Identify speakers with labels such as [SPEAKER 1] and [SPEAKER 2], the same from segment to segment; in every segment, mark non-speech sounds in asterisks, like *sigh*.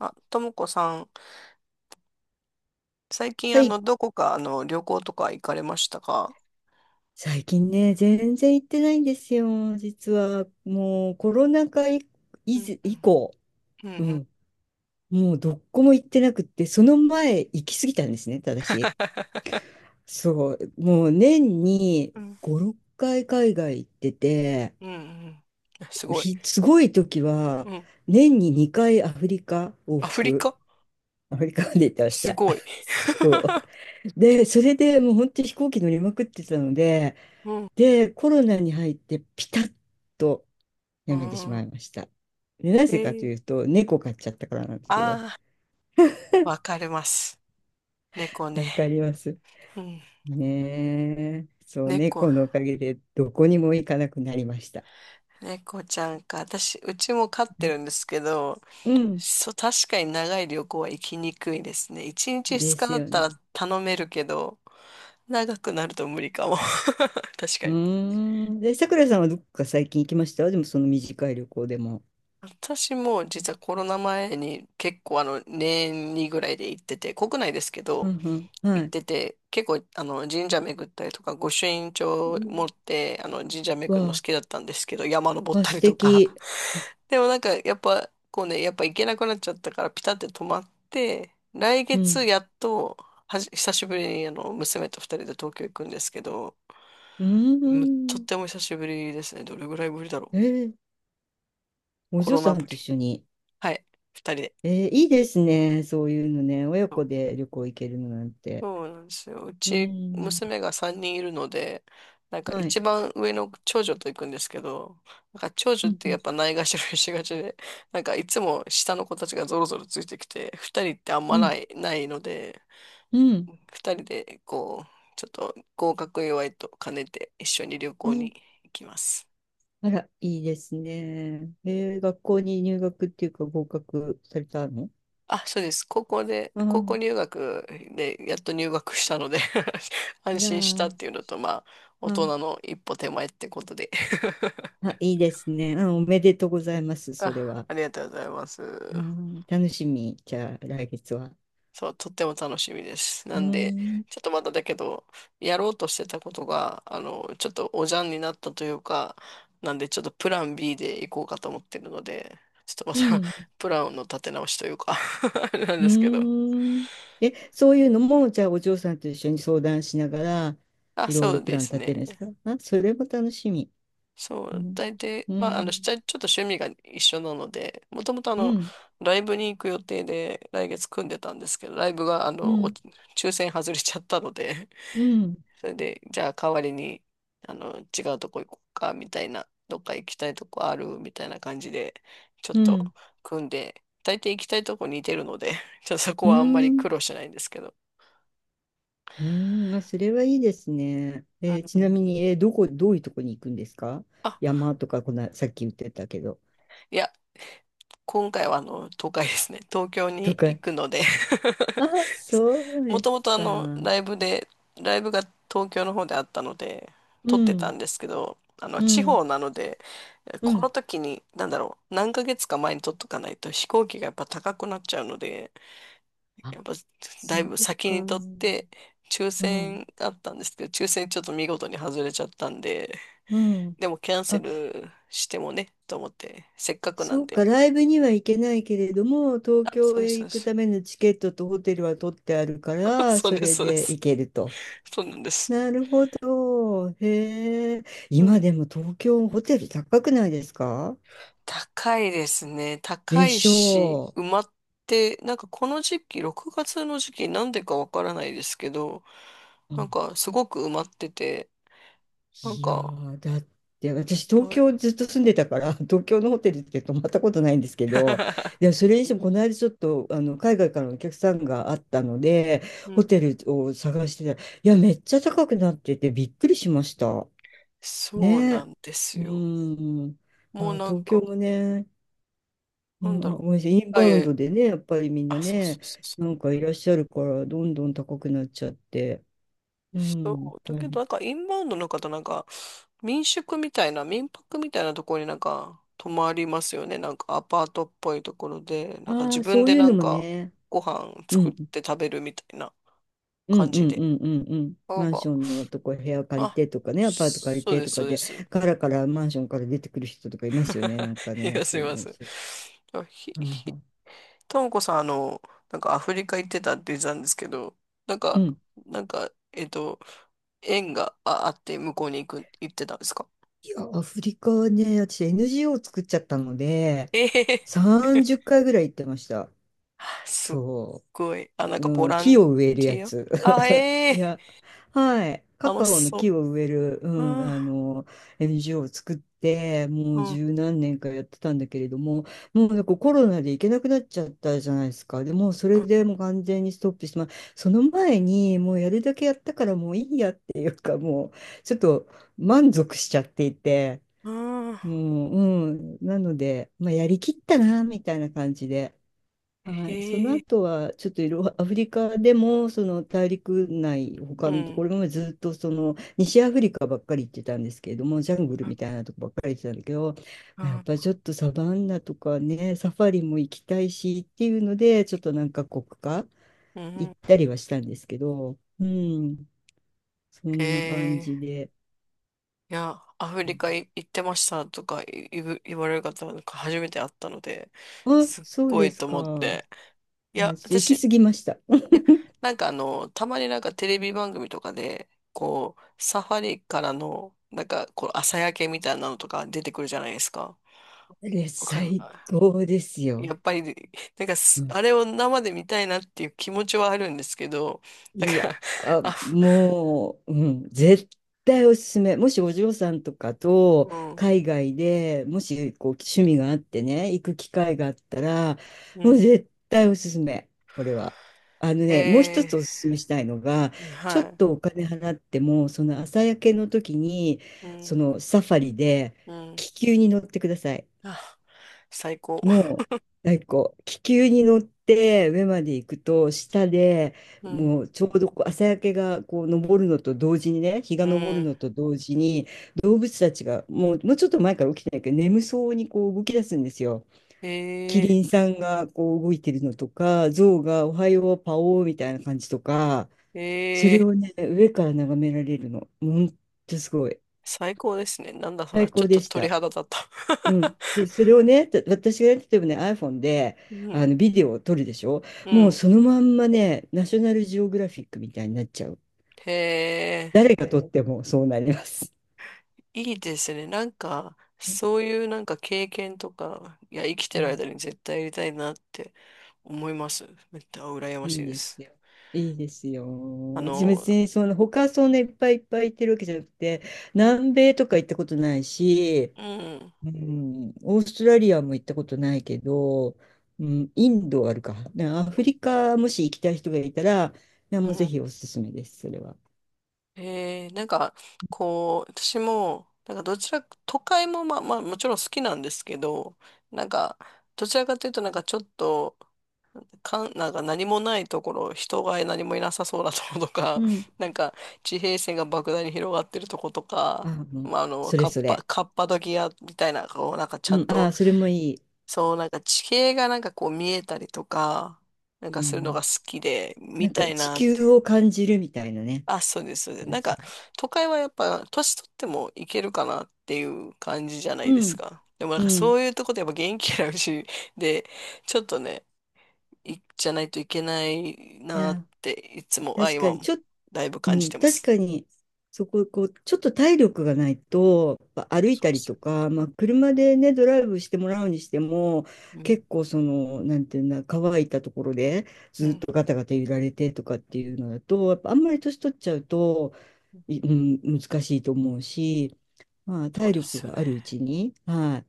[SPEAKER 1] あ、ともこさん、最近
[SPEAKER 2] はい。
[SPEAKER 1] どこか旅行とか行かれましたか？
[SPEAKER 2] 最近ね、全然行ってないんですよ。実は、もうコロナ禍
[SPEAKER 1] う
[SPEAKER 2] 以
[SPEAKER 1] ん
[SPEAKER 2] 前
[SPEAKER 1] う
[SPEAKER 2] 以
[SPEAKER 1] ん。
[SPEAKER 2] 降、
[SPEAKER 1] うん
[SPEAKER 2] う
[SPEAKER 1] うん。
[SPEAKER 2] ん、もうどこも行ってなくって、その前行き過ぎたんですね、ただし。そう、もう年に
[SPEAKER 1] うん
[SPEAKER 2] 5、6回海外行ってて、
[SPEAKER 1] うん。うん。すごい。
[SPEAKER 2] すごい時は、
[SPEAKER 1] うん。
[SPEAKER 2] 年に2回アフリカ往
[SPEAKER 1] アフリ
[SPEAKER 2] 復、
[SPEAKER 1] カ。
[SPEAKER 2] アフリカまで行ってまし
[SPEAKER 1] す
[SPEAKER 2] た。
[SPEAKER 1] ごい。
[SPEAKER 2] *laughs* そう。
[SPEAKER 1] *laughs*
[SPEAKER 2] で、それでもう本当に飛行機乗りまくってたので、
[SPEAKER 1] うん。
[SPEAKER 2] で、コロナに入ってピタッと
[SPEAKER 1] う
[SPEAKER 2] やめてし
[SPEAKER 1] ん。
[SPEAKER 2] まいました。で、な
[SPEAKER 1] え
[SPEAKER 2] ぜかと
[SPEAKER 1] ー、
[SPEAKER 2] いうと、猫飼っちゃったからなんですけど、
[SPEAKER 1] ああ、わかります。猫
[SPEAKER 2] わ
[SPEAKER 1] ね。
[SPEAKER 2] かります
[SPEAKER 1] うん。
[SPEAKER 2] ねえ。そう、
[SPEAKER 1] 猫、
[SPEAKER 2] 猫のおかげでどこにも行かなくなりました。
[SPEAKER 1] 猫ちゃんか。私、うちも飼ってるんですけど、
[SPEAKER 2] うん、
[SPEAKER 1] そう、確かに長い旅行は行きにくいですね。1日2
[SPEAKER 2] で
[SPEAKER 1] 日
[SPEAKER 2] す
[SPEAKER 1] だっ
[SPEAKER 2] よ
[SPEAKER 1] た
[SPEAKER 2] ね。
[SPEAKER 1] ら頼めるけど、長くなると無理かも。*laughs* 確か
[SPEAKER 2] うー
[SPEAKER 1] に。
[SPEAKER 2] ん。で、さくらさんはどこか最近行きました？でもその短い旅行でも。
[SPEAKER 1] 私も実はコロナ前に結構年にぐらいで行ってて、国内ですけ
[SPEAKER 2] う
[SPEAKER 1] ど
[SPEAKER 2] んうん。は
[SPEAKER 1] 行っ
[SPEAKER 2] い。
[SPEAKER 1] てて、結構神社巡ったりとか、御朱印
[SPEAKER 2] う
[SPEAKER 1] 帳持っ
[SPEAKER 2] ん、
[SPEAKER 1] て神社巡るの好
[SPEAKER 2] わ
[SPEAKER 1] きだったんですけど、山登
[SPEAKER 2] あ、
[SPEAKER 1] っ
[SPEAKER 2] あ、
[SPEAKER 1] た
[SPEAKER 2] 素
[SPEAKER 1] りとか。
[SPEAKER 2] 敵。
[SPEAKER 1] *laughs* でもなんかやっぱこうね、やっぱ行けなくなっちゃったからピタって止まって、来
[SPEAKER 2] う
[SPEAKER 1] 月
[SPEAKER 2] ん。
[SPEAKER 1] やっと久しぶりにあの娘と二人で東京行くんですけど、
[SPEAKER 2] うー
[SPEAKER 1] とっ
[SPEAKER 2] ん。
[SPEAKER 1] ても久しぶりですね。どれぐらいぶりだろう。
[SPEAKER 2] えー、お
[SPEAKER 1] コ
[SPEAKER 2] 嬢
[SPEAKER 1] ロ
[SPEAKER 2] さ
[SPEAKER 1] ナ
[SPEAKER 2] ん
[SPEAKER 1] ぶ
[SPEAKER 2] と
[SPEAKER 1] り。
[SPEAKER 2] 一緒に、
[SPEAKER 1] はい、二人で。
[SPEAKER 2] えー、いいですね。そういうのね。親子で旅行行けるのなんて。
[SPEAKER 1] そうなんですよ。う
[SPEAKER 2] う
[SPEAKER 1] ち、
[SPEAKER 2] ん。
[SPEAKER 1] 娘が3人いるので、なんか
[SPEAKER 2] はい。
[SPEAKER 1] 一番上の長女と行くんですけど、なんか長女
[SPEAKER 2] う
[SPEAKER 1] ってや
[SPEAKER 2] ん。
[SPEAKER 1] っぱないがしろにしがちで、なんかいつも下の子たちがゾロゾロついてきて、二人ってあんま
[SPEAKER 2] う
[SPEAKER 1] な
[SPEAKER 2] ん。
[SPEAKER 1] い、ないので、
[SPEAKER 2] うん
[SPEAKER 1] 二人でこう、ちょっと合格祝いと兼ねて一緒に旅
[SPEAKER 2] う
[SPEAKER 1] 行
[SPEAKER 2] ん、
[SPEAKER 1] に行きます。
[SPEAKER 2] あら、いいですね。えー、学校に入学っていうか合格されたの？
[SPEAKER 1] あ、そうです。
[SPEAKER 2] あ
[SPEAKER 1] 高校
[SPEAKER 2] ー、
[SPEAKER 1] 入学でやっと入学したので *laughs*
[SPEAKER 2] あ
[SPEAKER 1] 安
[SPEAKER 2] ら
[SPEAKER 1] 心した
[SPEAKER 2] ー、
[SPEAKER 1] っていうのと、まあ、大
[SPEAKER 2] あー、
[SPEAKER 1] 人の一歩手前ってことで。
[SPEAKER 2] あ、いいですね。あ、おめでとうございます、それ
[SPEAKER 1] あ、
[SPEAKER 2] は。
[SPEAKER 1] ありがとうございます。
[SPEAKER 2] うん、楽しみ。じゃあ、来月は。
[SPEAKER 1] そう、とっても楽しみです。な
[SPEAKER 2] う
[SPEAKER 1] んで、
[SPEAKER 2] ん。
[SPEAKER 1] ちょっとまだだけど、やろうとしてたことが、ちょっとおじゃんになったというか、なんで、ちょっとプラン B で行こうかと思ってるので、ちょっ
[SPEAKER 2] う
[SPEAKER 1] とまた
[SPEAKER 2] ん、
[SPEAKER 1] *laughs* プランの立て直しというか *laughs* あれなん
[SPEAKER 2] う
[SPEAKER 1] ですけど。
[SPEAKER 2] ーん。え、そういうのも、じゃあお嬢さんと一緒に相談しながら、
[SPEAKER 1] あ、
[SPEAKER 2] いろい
[SPEAKER 1] そ
[SPEAKER 2] ろ
[SPEAKER 1] う
[SPEAKER 2] プ
[SPEAKER 1] で
[SPEAKER 2] ラン
[SPEAKER 1] す
[SPEAKER 2] 立て
[SPEAKER 1] ね。
[SPEAKER 2] るんですかあ？それも楽しみ。
[SPEAKER 1] そ
[SPEAKER 2] う
[SPEAKER 1] う、
[SPEAKER 2] ん。
[SPEAKER 1] 大体、
[SPEAKER 2] う
[SPEAKER 1] まあ、し
[SPEAKER 2] ん。
[SPEAKER 1] ちゃちょっと趣味が一緒なので、もともと
[SPEAKER 2] うん。
[SPEAKER 1] ライブに行く予定で来月組んでたんですけど、ライブが
[SPEAKER 2] う
[SPEAKER 1] お
[SPEAKER 2] ん。
[SPEAKER 1] 抽選外れちゃったので、
[SPEAKER 2] うん。
[SPEAKER 1] それで、じゃあ代わりに、違うとこ行こうか、みたいな、どっか行きたいとこある、みたいな感じで、ちょっ
[SPEAKER 2] う
[SPEAKER 1] と
[SPEAKER 2] ん。
[SPEAKER 1] 組んで、大抵行きたいとこ似てるので、*laughs* ちょっとそこ
[SPEAKER 2] う
[SPEAKER 1] はあんまり
[SPEAKER 2] ん。
[SPEAKER 1] 苦労しないんですけど。
[SPEAKER 2] うん、あ、それはいいですね。えー
[SPEAKER 1] う
[SPEAKER 2] ちなみ
[SPEAKER 1] ん。
[SPEAKER 2] に、えー、どこ、どういうとこに行くんですか？
[SPEAKER 1] あ、
[SPEAKER 2] 山とか、さっき言ってたけど。
[SPEAKER 1] いや、今回は東海ですね。*laughs* 東京
[SPEAKER 2] と
[SPEAKER 1] に行
[SPEAKER 2] か。
[SPEAKER 1] くので
[SPEAKER 2] あ、そう
[SPEAKER 1] *laughs* も
[SPEAKER 2] で
[SPEAKER 1] とも
[SPEAKER 2] す
[SPEAKER 1] と
[SPEAKER 2] か。
[SPEAKER 1] ライブが東京の方であったので、
[SPEAKER 2] う
[SPEAKER 1] 撮ってた
[SPEAKER 2] ん。
[SPEAKER 1] んですけど、
[SPEAKER 2] う
[SPEAKER 1] 地
[SPEAKER 2] ん。
[SPEAKER 1] 方なので、
[SPEAKER 2] う
[SPEAKER 1] この
[SPEAKER 2] ん。
[SPEAKER 1] 時に、なんだろう、何ヶ月か前に撮っとかないと飛行機がやっぱ高くなっちゃうので、
[SPEAKER 2] あ、
[SPEAKER 1] やっぱ
[SPEAKER 2] そ
[SPEAKER 1] だいぶ
[SPEAKER 2] う
[SPEAKER 1] 先
[SPEAKER 2] か。
[SPEAKER 1] に撮って、抽
[SPEAKER 2] うん。
[SPEAKER 1] 選あったんですけど、抽選ちょっと見事に外れちゃったんで、
[SPEAKER 2] うん。
[SPEAKER 1] でもキャンセ
[SPEAKER 2] あ、
[SPEAKER 1] ルしてもね、と思って、せっかくな
[SPEAKER 2] そ
[SPEAKER 1] ん
[SPEAKER 2] う
[SPEAKER 1] で。
[SPEAKER 2] か、ライブには行けないけれども、東
[SPEAKER 1] あ、そ
[SPEAKER 2] 京
[SPEAKER 1] うです、
[SPEAKER 2] へ
[SPEAKER 1] そう
[SPEAKER 2] 行
[SPEAKER 1] で
[SPEAKER 2] く
[SPEAKER 1] す。
[SPEAKER 2] ためのチケットとホテルは取ってあるか
[SPEAKER 1] *laughs*
[SPEAKER 2] ら、
[SPEAKER 1] そう
[SPEAKER 2] そ
[SPEAKER 1] です、
[SPEAKER 2] れ
[SPEAKER 1] そうで
[SPEAKER 2] で
[SPEAKER 1] す。
[SPEAKER 2] 行けると。
[SPEAKER 1] そうなんです。
[SPEAKER 2] なるほど。へえ。
[SPEAKER 1] う
[SPEAKER 2] 今
[SPEAKER 1] ん、
[SPEAKER 2] でも東京ホテル高くないですか？
[SPEAKER 1] 高いですね。高
[SPEAKER 2] で
[SPEAKER 1] い
[SPEAKER 2] し
[SPEAKER 1] し、
[SPEAKER 2] ょ
[SPEAKER 1] 埋まって、なんかこの時期、6月の時期、なんでかわからないですけど、な
[SPEAKER 2] う。
[SPEAKER 1] んかすごく埋まってて、なん
[SPEAKER 2] いや
[SPEAKER 1] か
[SPEAKER 2] ー、だって
[SPEAKER 1] いっ
[SPEAKER 2] 私、東
[SPEAKER 1] ぱい。
[SPEAKER 2] 京ずっと住んでたから、*laughs* 東京のホテルって泊まったことないんですけど、でも
[SPEAKER 1] *laughs*
[SPEAKER 2] それにしても、この間ちょっとあの海外からのお客さんがあったので、
[SPEAKER 1] う
[SPEAKER 2] ホ
[SPEAKER 1] ん、
[SPEAKER 2] テルを探してたら、いや、めっちゃ高くなってて、びっくりしました。
[SPEAKER 1] そうな
[SPEAKER 2] ね。
[SPEAKER 1] んです
[SPEAKER 2] う
[SPEAKER 1] よ。
[SPEAKER 2] ん。い
[SPEAKER 1] もう
[SPEAKER 2] や、
[SPEAKER 1] なん
[SPEAKER 2] 東京
[SPEAKER 1] か、
[SPEAKER 2] もね、う
[SPEAKER 1] なんだ
[SPEAKER 2] ん、あ、
[SPEAKER 1] ろう。
[SPEAKER 2] ごめんなさい、イン
[SPEAKER 1] あ、い
[SPEAKER 2] バ
[SPEAKER 1] えい
[SPEAKER 2] ウン
[SPEAKER 1] え、
[SPEAKER 2] ドでね、やっぱりみんな
[SPEAKER 1] あ、そうそ
[SPEAKER 2] ね、
[SPEAKER 1] うそう
[SPEAKER 2] なんかいらっしゃるから、どんどん高くなっちゃって。う
[SPEAKER 1] そ
[SPEAKER 2] ん。
[SPEAKER 1] う。だ
[SPEAKER 2] 大
[SPEAKER 1] けど、
[SPEAKER 2] 変。
[SPEAKER 1] なんかインバウンドの方、なんか民宿みたいな、民泊みたいなところになんか泊まりますよね。なんかアパートっぽいところで、なんか
[SPEAKER 2] あ
[SPEAKER 1] 自
[SPEAKER 2] あ、
[SPEAKER 1] 分
[SPEAKER 2] そう
[SPEAKER 1] で
[SPEAKER 2] いう
[SPEAKER 1] な
[SPEAKER 2] の
[SPEAKER 1] ん
[SPEAKER 2] も
[SPEAKER 1] か
[SPEAKER 2] ね。
[SPEAKER 1] ご飯
[SPEAKER 2] う
[SPEAKER 1] 作っ
[SPEAKER 2] ん。
[SPEAKER 1] て食べるみたいな
[SPEAKER 2] うん
[SPEAKER 1] 感
[SPEAKER 2] う
[SPEAKER 1] じ
[SPEAKER 2] んう
[SPEAKER 1] で。
[SPEAKER 2] んうんうん。
[SPEAKER 1] あ
[SPEAKER 2] マンシ
[SPEAKER 1] ば、
[SPEAKER 2] ョンのとこ部屋借り
[SPEAKER 1] あ、
[SPEAKER 2] てとかね、アパート借り
[SPEAKER 1] そう
[SPEAKER 2] て
[SPEAKER 1] で
[SPEAKER 2] と
[SPEAKER 1] す、そ
[SPEAKER 2] か
[SPEAKER 1] うで
[SPEAKER 2] で、
[SPEAKER 1] す。
[SPEAKER 2] カラカラマンションから出てくる人とかいますよね、なんか
[SPEAKER 1] *laughs* い
[SPEAKER 2] ね、
[SPEAKER 1] や、す
[SPEAKER 2] そ
[SPEAKER 1] い
[SPEAKER 2] ういう
[SPEAKER 1] ま
[SPEAKER 2] の。
[SPEAKER 1] せん。
[SPEAKER 2] そうそ
[SPEAKER 1] あひ、
[SPEAKER 2] うはい
[SPEAKER 1] ひ、
[SPEAKER 2] はい、
[SPEAKER 1] ともこさん、なんかアフリカ行ってたって言ってたんですけど、なん
[SPEAKER 2] う
[SPEAKER 1] か、
[SPEAKER 2] ん。
[SPEAKER 1] なんか、縁があって向こうに行ってたんですか？
[SPEAKER 2] いや、アフリカはね、私 NGO 作っちゃったので、
[SPEAKER 1] ええ *laughs*
[SPEAKER 2] 30回ぐらい行ってました。
[SPEAKER 1] *laughs* すっ
[SPEAKER 2] そ
[SPEAKER 1] ごい。あ、なん
[SPEAKER 2] う。
[SPEAKER 1] かボ
[SPEAKER 2] うん、
[SPEAKER 1] ラ
[SPEAKER 2] 木
[SPEAKER 1] ン
[SPEAKER 2] を植えるや
[SPEAKER 1] ティ
[SPEAKER 2] つ。
[SPEAKER 1] アええ、
[SPEAKER 2] いや、はい。カ
[SPEAKER 1] 楽し
[SPEAKER 2] カオの
[SPEAKER 1] そ
[SPEAKER 2] 木を植える、う
[SPEAKER 1] う。う
[SPEAKER 2] ん、
[SPEAKER 1] ん、うん、
[SPEAKER 2] NGO を作って、もう十何年かやってたんだけれども、もうなんかコロナで行けなくなっちゃったじゃないですか。でもうそれ
[SPEAKER 1] う
[SPEAKER 2] でもう完全にストップして、まあ、その前にもうやるだけやったからもういいやっていうか、もうちょっと満足しちゃっていて、
[SPEAKER 1] ん、うん、
[SPEAKER 2] もう、うん、なので、まあ、やりきったな、みたいな感じで。はい、その
[SPEAKER 1] へえ、
[SPEAKER 2] 後はちょっとアフリカでもその大陸内他
[SPEAKER 1] う
[SPEAKER 2] のとこ
[SPEAKER 1] ん、
[SPEAKER 2] ろもずっとその西アフリカばっかり行ってたんですけれども、ジャングル
[SPEAKER 1] う
[SPEAKER 2] み
[SPEAKER 1] ん、
[SPEAKER 2] たいなとこばっかり行ってたんだけど、
[SPEAKER 1] う
[SPEAKER 2] やっ
[SPEAKER 1] ん、
[SPEAKER 2] ぱちょっとサバンナとかね、サファリも行きたいしっていうのでちょっと何か国か
[SPEAKER 1] う
[SPEAKER 2] 行
[SPEAKER 1] ん、
[SPEAKER 2] ったりはしたんですけど、うん、そ
[SPEAKER 1] へ
[SPEAKER 2] んな感じ
[SPEAKER 1] え。
[SPEAKER 2] で。
[SPEAKER 1] いや、アフリカ行ってましたとか言われる方なんか初めて会ったので、
[SPEAKER 2] あ、
[SPEAKER 1] すっ
[SPEAKER 2] そう
[SPEAKER 1] ご
[SPEAKER 2] で
[SPEAKER 1] い
[SPEAKER 2] す
[SPEAKER 1] と思っ
[SPEAKER 2] か、
[SPEAKER 1] て。い
[SPEAKER 2] いや
[SPEAKER 1] や、
[SPEAKER 2] ちょっと行
[SPEAKER 1] 私、い
[SPEAKER 2] き過ぎました。
[SPEAKER 1] や、なんかたまになんかテレビ番組とかで、こう、サファリからの、なんか、こう、朝焼けみたいなのとか出てくるじゃないですか。
[SPEAKER 2] *laughs* え、
[SPEAKER 1] わかる。
[SPEAKER 2] 最高ですよ。
[SPEAKER 1] やっぱり、*laughs* なんか
[SPEAKER 2] うん、
[SPEAKER 1] あれを生で見たいなっていう気持ちはあるんですけど、*laughs* だ
[SPEAKER 2] い
[SPEAKER 1] か
[SPEAKER 2] や、
[SPEAKER 1] ら、*laughs*
[SPEAKER 2] あ、
[SPEAKER 1] あ、ふ
[SPEAKER 2] もう、うん、絶対おすすめ。もしお嬢さんとかと
[SPEAKER 1] うん、
[SPEAKER 2] 海外でもしこう趣味があってね、行く機会があったら、
[SPEAKER 1] う
[SPEAKER 2] もう
[SPEAKER 1] ん、
[SPEAKER 2] 絶対おすすめ、これは。あのね、もう一
[SPEAKER 1] え
[SPEAKER 2] つおすすめしたいのが、
[SPEAKER 1] ー、
[SPEAKER 2] ち
[SPEAKER 1] は
[SPEAKER 2] ょっ
[SPEAKER 1] い、
[SPEAKER 2] とお金払っても、その朝焼けの時に、
[SPEAKER 1] う
[SPEAKER 2] そ
[SPEAKER 1] ん、
[SPEAKER 2] のサファリで
[SPEAKER 1] うん、
[SPEAKER 2] 気球に乗ってください。
[SPEAKER 1] あ、最高。
[SPEAKER 2] もう、なんかこう、気球に乗って上まで行くと、下で
[SPEAKER 1] うん、
[SPEAKER 2] もうちょうどこう朝焼けがこう昇るのと同時にね、日
[SPEAKER 1] う
[SPEAKER 2] が昇る
[SPEAKER 1] ん、
[SPEAKER 2] のと同時に、動物たちがもう、もうちょっと前から起きてないけど、眠そうにこう動き出すんですよ。キ
[SPEAKER 1] え
[SPEAKER 2] リンさんがこう動いてるのとか、ゾウがおはよう、パオーみたいな感じとか、
[SPEAKER 1] ー、
[SPEAKER 2] そ
[SPEAKER 1] え
[SPEAKER 2] れ
[SPEAKER 1] ー、
[SPEAKER 2] をね、上から眺められるの。ほんとすごい。
[SPEAKER 1] 最高ですね。なんだそれは、
[SPEAKER 2] 最
[SPEAKER 1] ちょ
[SPEAKER 2] 高
[SPEAKER 1] っと
[SPEAKER 2] でし
[SPEAKER 1] 鳥
[SPEAKER 2] た。
[SPEAKER 1] 肌だった。
[SPEAKER 2] うん。
[SPEAKER 1] *laughs*
[SPEAKER 2] それをね、私が例えばね、iPhone で
[SPEAKER 1] うん、
[SPEAKER 2] あのビデオを撮るでしょ。
[SPEAKER 1] う
[SPEAKER 2] もう
[SPEAKER 1] ん、
[SPEAKER 2] そのまんまね、ナショナルジオグラフィックみたいになっちゃう。
[SPEAKER 1] へえ。
[SPEAKER 2] 誰が撮ってもそうなります。
[SPEAKER 1] いいですね。なんか、
[SPEAKER 2] ね、
[SPEAKER 1] そういうなんか経験とか、いや、生き
[SPEAKER 2] う
[SPEAKER 1] てる
[SPEAKER 2] ん、
[SPEAKER 1] 間に絶対やりたいなって思います。めっちゃ羨ましい
[SPEAKER 2] いい
[SPEAKER 1] で
[SPEAKER 2] で
[SPEAKER 1] す。
[SPEAKER 2] すよ。いいですよ。
[SPEAKER 1] あ
[SPEAKER 2] 私
[SPEAKER 1] の、
[SPEAKER 2] 別にその他そんないっぱいいっぱい行ってるわけじゃなくて、
[SPEAKER 1] うん、
[SPEAKER 2] 南米とか行ったことないし、
[SPEAKER 1] うん、
[SPEAKER 2] うん、オーストラリアも行ったことないけど、うん、インドはあるか。ね、アフリカもし行きたい人がいたら、いや
[SPEAKER 1] う
[SPEAKER 2] もうぜ
[SPEAKER 1] ん。
[SPEAKER 2] ひおすすめです、それは。
[SPEAKER 1] なんか、こう、私も、なんかどちら、都会もまあまあもちろん好きなんですけど、なんか、どちらかというとなんかちょっと、なんか何もないところ、人が何もいなさそうなところとか、
[SPEAKER 2] う
[SPEAKER 1] *laughs*
[SPEAKER 2] ん。
[SPEAKER 1] なんか地平線が莫大に広がってるとことか、
[SPEAKER 2] もう
[SPEAKER 1] まあ、
[SPEAKER 2] それそれ。
[SPEAKER 1] カッパドキアみたいな、こう、なんかちゃ
[SPEAKER 2] う
[SPEAKER 1] ん
[SPEAKER 2] ん、あ
[SPEAKER 1] と、
[SPEAKER 2] あ、それもいい。
[SPEAKER 1] そう、なんか地形がなんかこう見えたりとか、なん
[SPEAKER 2] う
[SPEAKER 1] かするの
[SPEAKER 2] ん。
[SPEAKER 1] が好きで、
[SPEAKER 2] な
[SPEAKER 1] 見
[SPEAKER 2] んか
[SPEAKER 1] たい
[SPEAKER 2] 地
[SPEAKER 1] なって。
[SPEAKER 2] 球を感じるみたいなね。
[SPEAKER 1] あ、そうです、そうです。なんか、都会はやっぱ、年取ってもいけるかなっていう感じじゃないで
[SPEAKER 2] う
[SPEAKER 1] す
[SPEAKER 2] ん、
[SPEAKER 1] か。でもなん
[SPEAKER 2] う
[SPEAKER 1] かそ
[SPEAKER 2] ん。
[SPEAKER 1] ういうとこでやっぱ元気なうちで、ちょっとね、いじゃないといけない
[SPEAKER 2] い
[SPEAKER 1] なっ
[SPEAKER 2] や、
[SPEAKER 1] ていつも、あ、
[SPEAKER 2] 確か
[SPEAKER 1] 今
[SPEAKER 2] に、ちょ
[SPEAKER 1] も
[SPEAKER 2] っ、
[SPEAKER 1] だいぶ
[SPEAKER 2] う
[SPEAKER 1] 感じて
[SPEAKER 2] ん、
[SPEAKER 1] ま
[SPEAKER 2] 確
[SPEAKER 1] す。
[SPEAKER 2] かに、そこ、こう、ちょっと体力がないと、やっぱ歩い
[SPEAKER 1] そ
[SPEAKER 2] た
[SPEAKER 1] うで
[SPEAKER 2] り
[SPEAKER 1] す
[SPEAKER 2] とか、まあ、車でね、ドライブしてもらうにしても、
[SPEAKER 1] よね。
[SPEAKER 2] 結構、その、なんていうんだ、乾いたところで、
[SPEAKER 1] うん。
[SPEAKER 2] ず
[SPEAKER 1] う
[SPEAKER 2] っ
[SPEAKER 1] ん。
[SPEAKER 2] とガタガタ揺られてとかっていうのだと、やっぱあんまり年取っちゃうと、うん、難しいと思うし、まあ、
[SPEAKER 1] そう
[SPEAKER 2] 体
[SPEAKER 1] で
[SPEAKER 2] 力
[SPEAKER 1] すよ
[SPEAKER 2] が
[SPEAKER 1] ね。
[SPEAKER 2] あるうちに、はい、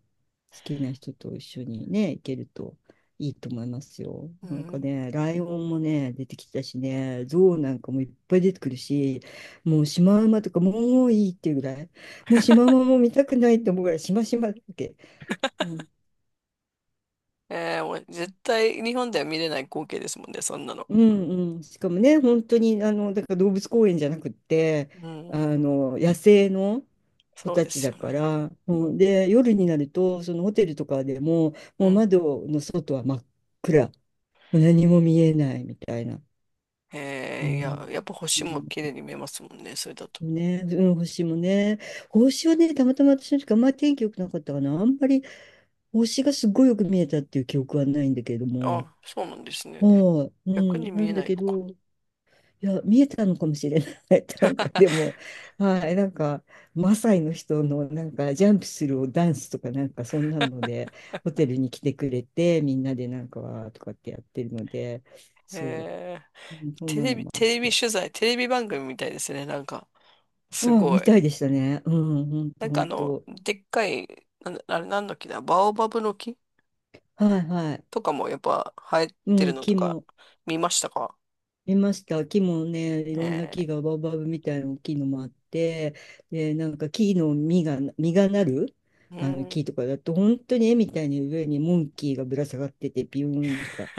[SPEAKER 2] 好きな人と一緒にね、行けるといいと思いますよ。
[SPEAKER 1] う
[SPEAKER 2] なんか
[SPEAKER 1] ん。
[SPEAKER 2] ね、ライオンもね、出てきたしね、ゾウなんかもいっぱい出てくるし、もうシマウマとかもういいっていうぐらい、もうシマウマも見たくないって思うぐらい、シマシマだっけ、もう、
[SPEAKER 1] えー、もう絶対日本では見れない光景ですもんね、そんなの。
[SPEAKER 2] うんうん、しかもね、本当にあのだから動物公園じゃなくって、
[SPEAKER 1] う
[SPEAKER 2] あ
[SPEAKER 1] ん。
[SPEAKER 2] の野生の子
[SPEAKER 1] そう
[SPEAKER 2] た
[SPEAKER 1] で
[SPEAKER 2] ち
[SPEAKER 1] す
[SPEAKER 2] だ
[SPEAKER 1] よね。
[SPEAKER 2] から、うん、で、夜になると、そのホテルとかでも、
[SPEAKER 1] う
[SPEAKER 2] もう
[SPEAKER 1] ん。
[SPEAKER 2] 窓の外は真っ暗、何も見えないみたいな。う
[SPEAKER 1] えー、いや、
[SPEAKER 2] ん、
[SPEAKER 1] やっぱ
[SPEAKER 2] う
[SPEAKER 1] 星も綺
[SPEAKER 2] ん、
[SPEAKER 1] 麗に見えますもんね、それだと。
[SPEAKER 2] ね、うん、星もね、星はね、たまたま私の時あんまり天気良くなかったかな、あんまり星がすごいよく見えたっていう記憶はないんだけども、
[SPEAKER 1] あ、そうなんですね。
[SPEAKER 2] はい、う
[SPEAKER 1] 逆に
[SPEAKER 2] ん、な
[SPEAKER 1] 見え
[SPEAKER 2] ん
[SPEAKER 1] な
[SPEAKER 2] だ
[SPEAKER 1] い
[SPEAKER 2] け
[SPEAKER 1] のか
[SPEAKER 2] ど、いや、見えたのかもしれない。*laughs* なんか、で
[SPEAKER 1] な。
[SPEAKER 2] も、はい、なんか、マサイの人の、なんか、ジャンプするダンスとか、なんか、そんなので、ホテルに来てくれて、みんなで、なんか、わーとかってやってるので、
[SPEAKER 1] *laughs*
[SPEAKER 2] そ
[SPEAKER 1] えー、
[SPEAKER 2] う、うん、そんなのもあって。
[SPEAKER 1] テレビ番組みたいですね、なんか。す
[SPEAKER 2] うん、
[SPEAKER 1] ご
[SPEAKER 2] み
[SPEAKER 1] い。
[SPEAKER 2] たいでしたね。うん、ほん
[SPEAKER 1] な
[SPEAKER 2] と、
[SPEAKER 1] ん
[SPEAKER 2] ほ
[SPEAKER 1] か
[SPEAKER 2] んと。
[SPEAKER 1] でっかい、あれなんだっけな、バオバブの木
[SPEAKER 2] はい、はい。
[SPEAKER 1] とかもやっぱ生え
[SPEAKER 2] う
[SPEAKER 1] てる
[SPEAKER 2] ん、
[SPEAKER 1] のと
[SPEAKER 2] 気
[SPEAKER 1] か
[SPEAKER 2] も。
[SPEAKER 1] 見ましたか？
[SPEAKER 2] 見ました。木もね、いろんな
[SPEAKER 1] ええ、
[SPEAKER 2] 木がバオバブみたいな大きいのもあって、で、なんか木の実が、実がなる、
[SPEAKER 1] う
[SPEAKER 2] あの
[SPEAKER 1] ん、
[SPEAKER 2] 木とかだと、本当に絵みたいに上にモンキーがぶら下がってて、ビューンとか、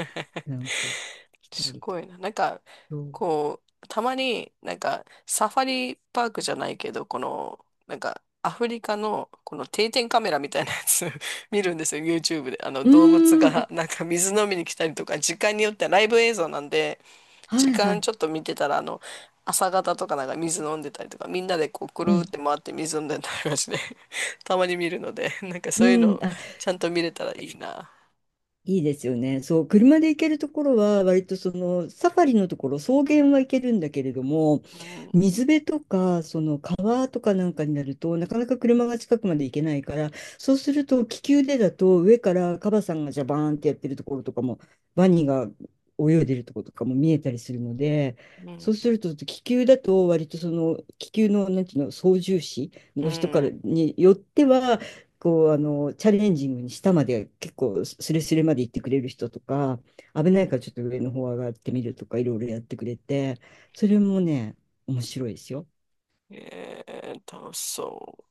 [SPEAKER 2] なんか来た
[SPEAKER 1] す
[SPEAKER 2] りと
[SPEAKER 1] ご
[SPEAKER 2] か。
[SPEAKER 1] いな。なんか、
[SPEAKER 2] そう、
[SPEAKER 1] こう、たまになんかサファリパークじゃないけど、この、なんかアフリカのこの定点カメラみたいなやつ *laughs* 見るんですよ、YouTube で。あの
[SPEAKER 2] う
[SPEAKER 1] 動物
[SPEAKER 2] ーん、
[SPEAKER 1] が
[SPEAKER 2] あ、
[SPEAKER 1] なんか水飲みに来たりとか、時間によってはライブ映像なんで、
[SPEAKER 2] は
[SPEAKER 1] 時
[SPEAKER 2] いは
[SPEAKER 1] 間
[SPEAKER 2] い。
[SPEAKER 1] ちょっと見てたら、朝方とかなんか水飲んでたりとか、みんなでこう、くる
[SPEAKER 2] う
[SPEAKER 1] ーっ
[SPEAKER 2] ん。
[SPEAKER 1] て回って水飲んでたりはして、*laughs* たまに見るので、*laughs* なんか
[SPEAKER 2] う
[SPEAKER 1] そういう
[SPEAKER 2] ん、
[SPEAKER 1] の
[SPEAKER 2] あ、
[SPEAKER 1] ちゃんと見れたらいいな。
[SPEAKER 2] いいですよね。そう、車で行けるところは、割とそのサファリのところ、草原は行けるんだけれども、
[SPEAKER 1] うん、
[SPEAKER 2] 水辺とか、その川とかなんかになると、なかなか車が近くまで行けないから、そうすると気球でだと、上からカバさんがジャバーンってやってるところとかも、ワニが泳いでるところとかも見えたりするので、
[SPEAKER 1] うん、
[SPEAKER 2] そうすると気球だと、割とその気球の、なんていうの、操縦士
[SPEAKER 1] う
[SPEAKER 2] の人から
[SPEAKER 1] ん。
[SPEAKER 2] によっては、こう、あの、チャレンジングに下まで結構スレスレまで行ってくれる人とか、危ないからちょっと上の方上がってみるとか、いろいろやってくれて、それもね、面白いですよ。
[SPEAKER 1] えー、楽しそう。